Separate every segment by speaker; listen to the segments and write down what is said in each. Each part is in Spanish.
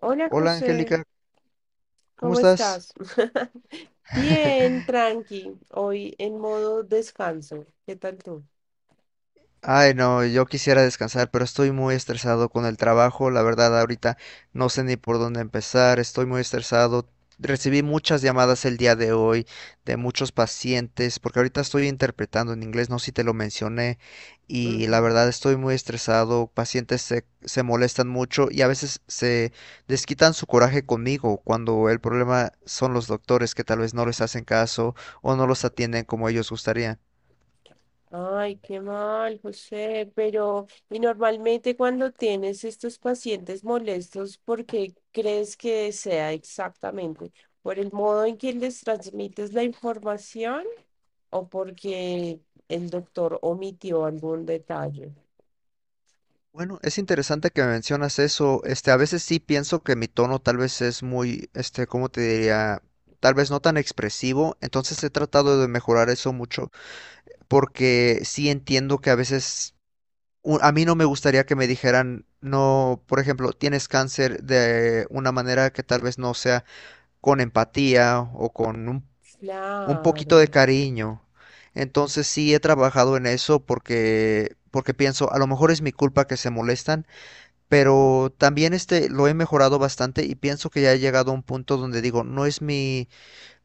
Speaker 1: Hola
Speaker 2: Hola
Speaker 1: José,
Speaker 2: Angélica, ¿cómo
Speaker 1: ¿cómo
Speaker 2: estás?
Speaker 1: estás? Bien, tranqui, hoy en modo descanso. ¿Qué tal tú?
Speaker 2: Ay, no, yo quisiera descansar, pero estoy muy estresado con el trabajo. La verdad, ahorita no sé ni por dónde empezar. Estoy muy estresado. Recibí muchas llamadas el día de hoy de muchos pacientes, porque ahorita estoy interpretando en inglés, no sé si te lo mencioné, y la
Speaker 1: Ujú.
Speaker 2: verdad estoy muy estresado. Pacientes se molestan mucho y a veces se desquitan su coraje conmigo cuando el problema son los doctores que tal vez no les hacen caso o no los atienden como ellos gustarían.
Speaker 1: Ay, qué mal, José, pero ¿y normalmente cuando tienes estos pacientes molestos, por qué crees que sea exactamente? ¿Por el modo en que les transmites la información o porque el doctor omitió algún detalle?
Speaker 2: Bueno, es interesante que mencionas eso. A veces sí pienso que mi tono tal vez es muy, ¿cómo te diría? Tal vez no tan expresivo. Entonces he tratado de mejorar eso mucho porque sí entiendo que a veces a mí no me gustaría que me dijeran, no, por ejemplo, tienes cáncer de una manera que tal vez no sea con empatía o con un
Speaker 1: Claro,
Speaker 2: poquito de cariño. Entonces sí he trabajado en eso porque pienso, a lo mejor es mi culpa que se molestan, pero también lo he mejorado bastante y pienso que ya he llegado a un punto donde digo,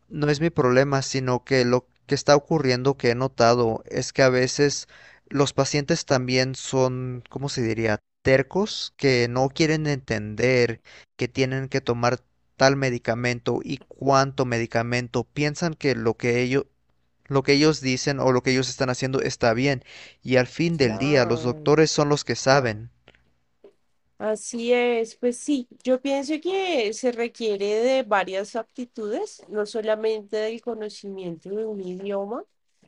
Speaker 2: no es mi problema, sino que lo que está ocurriendo que he notado es que a veces los pacientes también son, ¿cómo se diría? Tercos, que no quieren entender que tienen que tomar tal medicamento y cuánto medicamento. Piensan que lo que ellos dicen o lo que ellos están haciendo está bien, y al fin del día los
Speaker 1: claro.
Speaker 2: doctores son los que saben.
Speaker 1: Así es, pues sí, yo pienso que se requiere de varias aptitudes, no solamente del conocimiento de un idioma,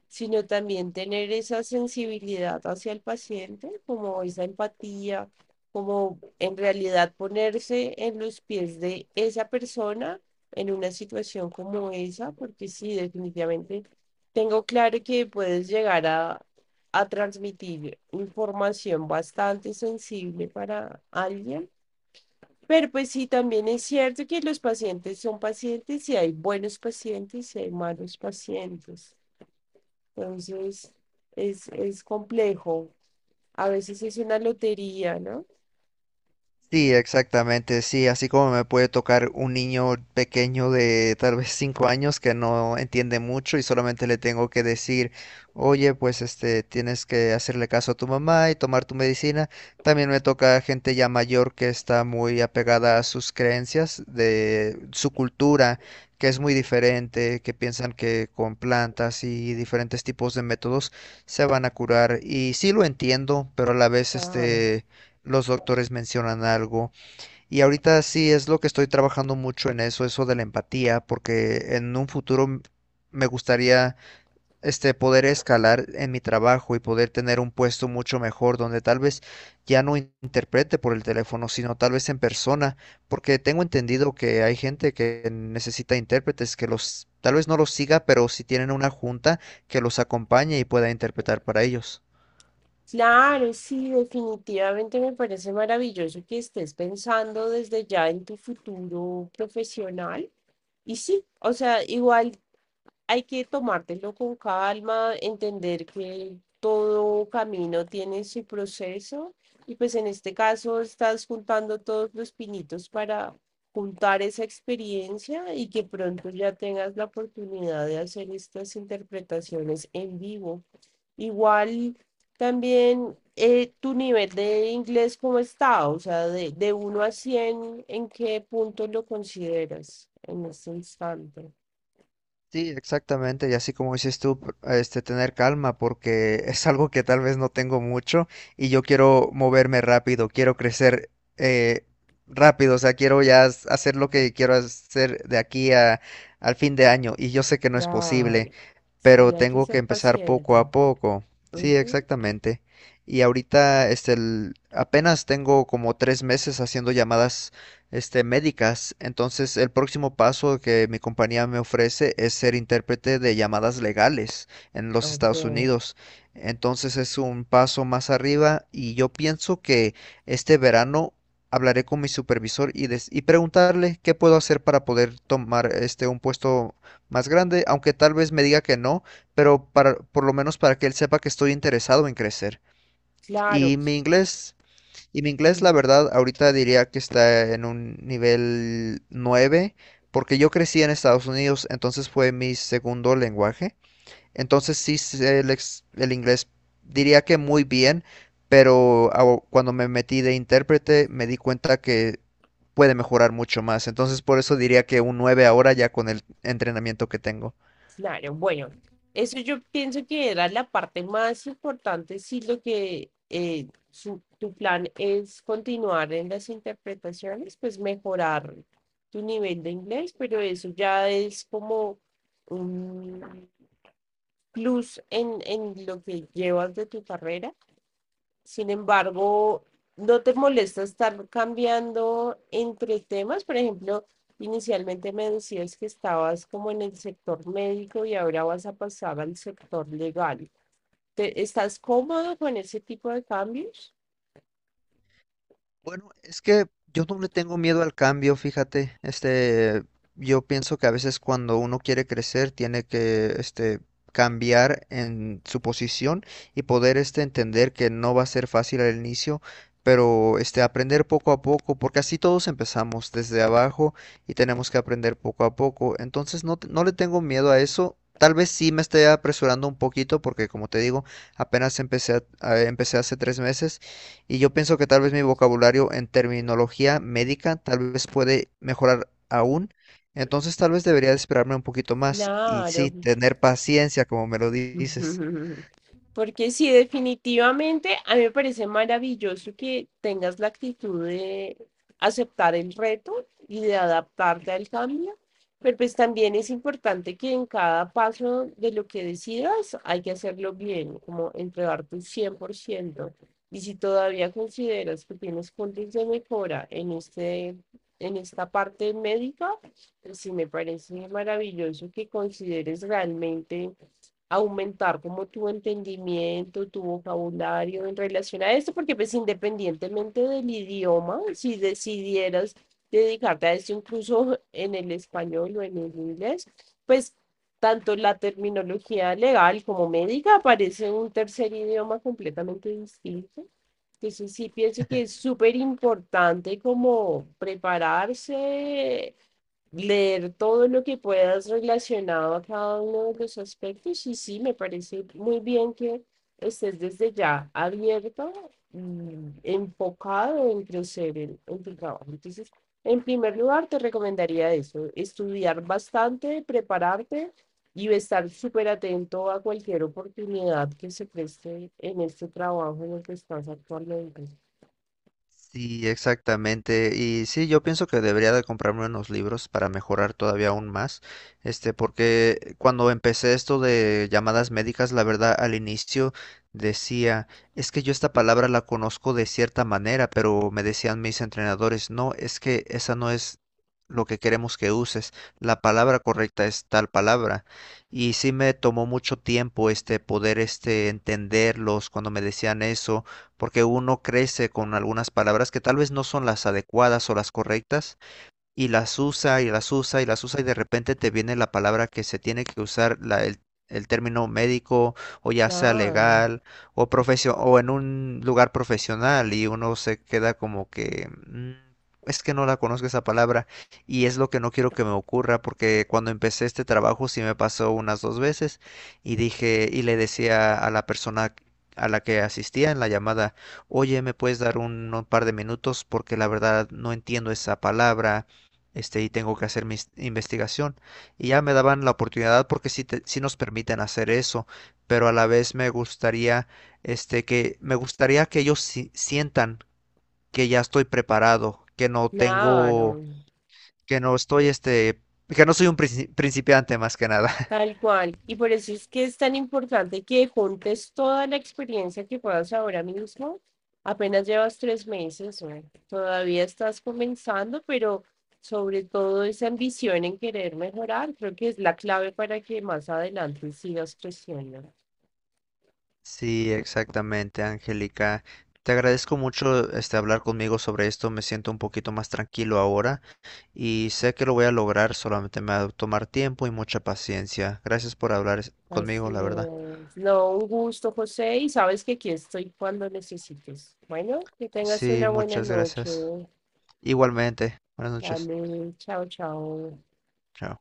Speaker 1: sino también tener esa sensibilidad hacia el paciente, como esa empatía, como en realidad ponerse en los pies de esa persona en una situación como esa, porque sí, definitivamente tengo claro que puedes llegar a transmitir información bastante sensible para alguien. Pero pues sí, también es cierto que los pacientes son pacientes y hay buenos pacientes y hay malos pacientes. Entonces, es complejo. A veces es una lotería, ¿no?
Speaker 2: Sí, exactamente, sí, así como me puede tocar un niño pequeño de tal vez 5 años que no entiende mucho, y solamente le tengo que decir, oye, pues tienes que hacerle caso a tu mamá y tomar tu medicina. También me toca gente ya mayor que está muy apegada a sus creencias, de su cultura, que es muy diferente, que piensan que con plantas y diferentes tipos de métodos se van a curar. Y sí lo entiendo, pero a la vez
Speaker 1: Claro.
Speaker 2: los doctores mencionan algo. Y ahorita sí es lo que estoy trabajando mucho en eso, eso de la empatía, porque en un futuro me gustaría poder escalar en mi trabajo y poder tener un puesto mucho mejor donde tal vez ya no interprete por el teléfono, sino tal vez en persona, porque tengo entendido que hay gente que necesita intérpretes, que los tal vez no los siga, pero si tienen una junta que los acompañe y pueda interpretar para ellos.
Speaker 1: Claro, sí, definitivamente me parece maravilloso que estés pensando desde ya en tu futuro profesional. Y sí, o sea, igual, hay que tomártelo con calma, entender que todo camino tiene su proceso y pues en este caso estás juntando todos los pinitos para juntar esa experiencia y que pronto ya tengas la oportunidad de hacer estas interpretaciones en vivo. Igual también tu nivel de inglés, ¿cómo está? O sea, de 1 a 100, ¿en qué punto lo consideras en este instante?
Speaker 2: Sí, exactamente, y así como dices tú, tener calma, porque es algo que tal vez no tengo mucho, y yo quiero moverme rápido, quiero crecer eh, rápido, o sea, quiero ya hacer lo que quiero hacer de aquí al fin de año, y yo sé que no es posible,
Speaker 1: Claro, sí,
Speaker 2: pero
Speaker 1: hay que
Speaker 2: tengo que
Speaker 1: ser
Speaker 2: empezar poco
Speaker 1: paciente.
Speaker 2: a poco. Sí,
Speaker 1: Ujú,
Speaker 2: exactamente. Y ahorita, apenas tengo como 3 meses haciendo llamadas médicas. Entonces, el próximo paso que mi compañía me ofrece es ser intérprete de llamadas legales en los Estados
Speaker 1: ok,
Speaker 2: Unidos. Entonces, es un paso más arriba, y yo pienso que este verano hablaré con mi supervisor y, preguntarle qué puedo hacer para poder tomar un puesto más grande, aunque tal vez me diga que no, pero para, por lo menos, para que él sepa que estoy interesado en crecer.
Speaker 1: claro,
Speaker 2: Y mi inglés y mi inglés, la
Speaker 1: mm,
Speaker 2: verdad, ahorita diría que está en un nivel 9, porque yo crecí en Estados Unidos, entonces fue mi segundo lenguaje. Entonces sí sé el inglés, diría que muy bien, pero cuando me metí de intérprete me di cuenta que puede mejorar mucho más. Entonces por eso diría que un 9 ahora, ya con el entrenamiento que tengo.
Speaker 1: claro. Bueno, eso yo pienso que era la parte más importante, si lo que tu plan es continuar en las interpretaciones, pues mejorar tu nivel de inglés, pero eso ya es como un plus en lo que llevas de tu carrera. Sin embargo, ¿no te molesta estar cambiando entre temas? Por ejemplo, inicialmente me decías que estabas como en el sector médico y ahora vas a pasar al sector legal. Estás cómodo con ese tipo de cambios?
Speaker 2: Bueno, es que yo no le tengo miedo al cambio, fíjate. Yo pienso que a veces cuando uno quiere crecer tiene que cambiar en su posición y poder entender que no va a ser fácil al inicio, pero, aprender poco a poco, porque así todos empezamos desde abajo y tenemos que aprender poco a poco. Entonces, no, no le tengo miedo a eso. Tal vez sí me esté apresurando un poquito porque, como te digo, apenas empecé empecé hace 3 meses, y yo pienso que tal vez mi vocabulario en terminología médica tal vez puede mejorar aún. Entonces tal vez debería de esperarme un poquito más y
Speaker 1: Claro.
Speaker 2: sí, tener paciencia, como me lo dices.
Speaker 1: Ujú. Porque sí, definitivamente a mí me parece maravilloso que tengas la actitud de aceptar el reto y de adaptarte al cambio, pero pues también es importante que en cada paso de lo que decidas hay que hacerlo bien, como entregar tu 100%. Y si todavía consideras que tienes puntos de mejora en este, en esta parte médica, pues sí me parece maravilloso que consideres realmente aumentar como tu entendimiento, tu vocabulario en relación a esto, porque pues independientemente del idioma, si decidieras dedicarte a esto incluso en el español o en el inglés, pues tanto la terminología legal como médica aparece un tercer idioma completamente distinto. Entonces sí pienso que es súper importante como prepararse, leer todo lo que puedas relacionado a cada uno de los aspectos y sí, me parece muy bien que estés desde ya abierto y enfocado en crecer en tu trabajo. Entonces, en primer lugar, te recomendaría eso, estudiar bastante, prepararte y estar súper atento a cualquier oportunidad que se preste en este trabajo en el que estás actualmente.
Speaker 2: Sí, exactamente. Y sí, yo pienso que debería de comprarme unos libros para mejorar todavía aún más. Porque cuando empecé esto de llamadas médicas, la verdad, al inicio decía, es que yo esta palabra la conozco de cierta manera, pero me decían mis entrenadores, no, es que esa no es lo que queremos que uses. La palabra correcta es tal palabra. Y sí me tomó mucho tiempo poder entenderlos cuando me decían eso, porque uno crece con algunas palabras que tal vez no son las adecuadas o las correctas, y las usa y las usa y las usa, y de repente te viene la palabra que se tiene que usar, el término médico o ya sea
Speaker 1: Claro,
Speaker 2: legal o en un lugar profesional, y uno se queda como que "Mm, es que no la conozco esa palabra", y es lo que no quiero que me ocurra, porque cuando empecé este trabajo sí me pasó unas dos veces, y dije, y le decía a la persona a la que asistía en la llamada, oye, ¿me puedes dar un par de minutos? Porque la verdad no entiendo esa palabra y tengo que hacer mi investigación. Y ya me daban la oportunidad, porque sí, sí nos permiten hacer eso, pero a la vez me gustaría, que ellos sientan que ya estoy preparado,
Speaker 1: claro.
Speaker 2: que no estoy, este, que no soy un principiante, más que nada.
Speaker 1: Tal cual. Y por eso es que es tan importante que juntes toda la experiencia que puedas ahora mismo. Apenas llevas 3 meses, bueno, todavía estás comenzando, pero sobre todo esa ambición en querer mejorar, creo que es la clave para que más adelante sigas creciendo.
Speaker 2: Sí, exactamente, Angélica. Te agradezco mucho, hablar conmigo sobre esto, me siento un poquito más tranquilo ahora, y sé que lo voy a lograr, solamente me va a tomar tiempo y mucha paciencia. Gracias por hablar conmigo,
Speaker 1: Así
Speaker 2: la verdad.
Speaker 1: es. No, un gusto, José, y sabes que aquí estoy cuando necesites. Bueno, que tengas
Speaker 2: Sí,
Speaker 1: una buena
Speaker 2: muchas
Speaker 1: noche.
Speaker 2: gracias. Igualmente. Buenas noches.
Speaker 1: Dale, chao, chao.
Speaker 2: Chao.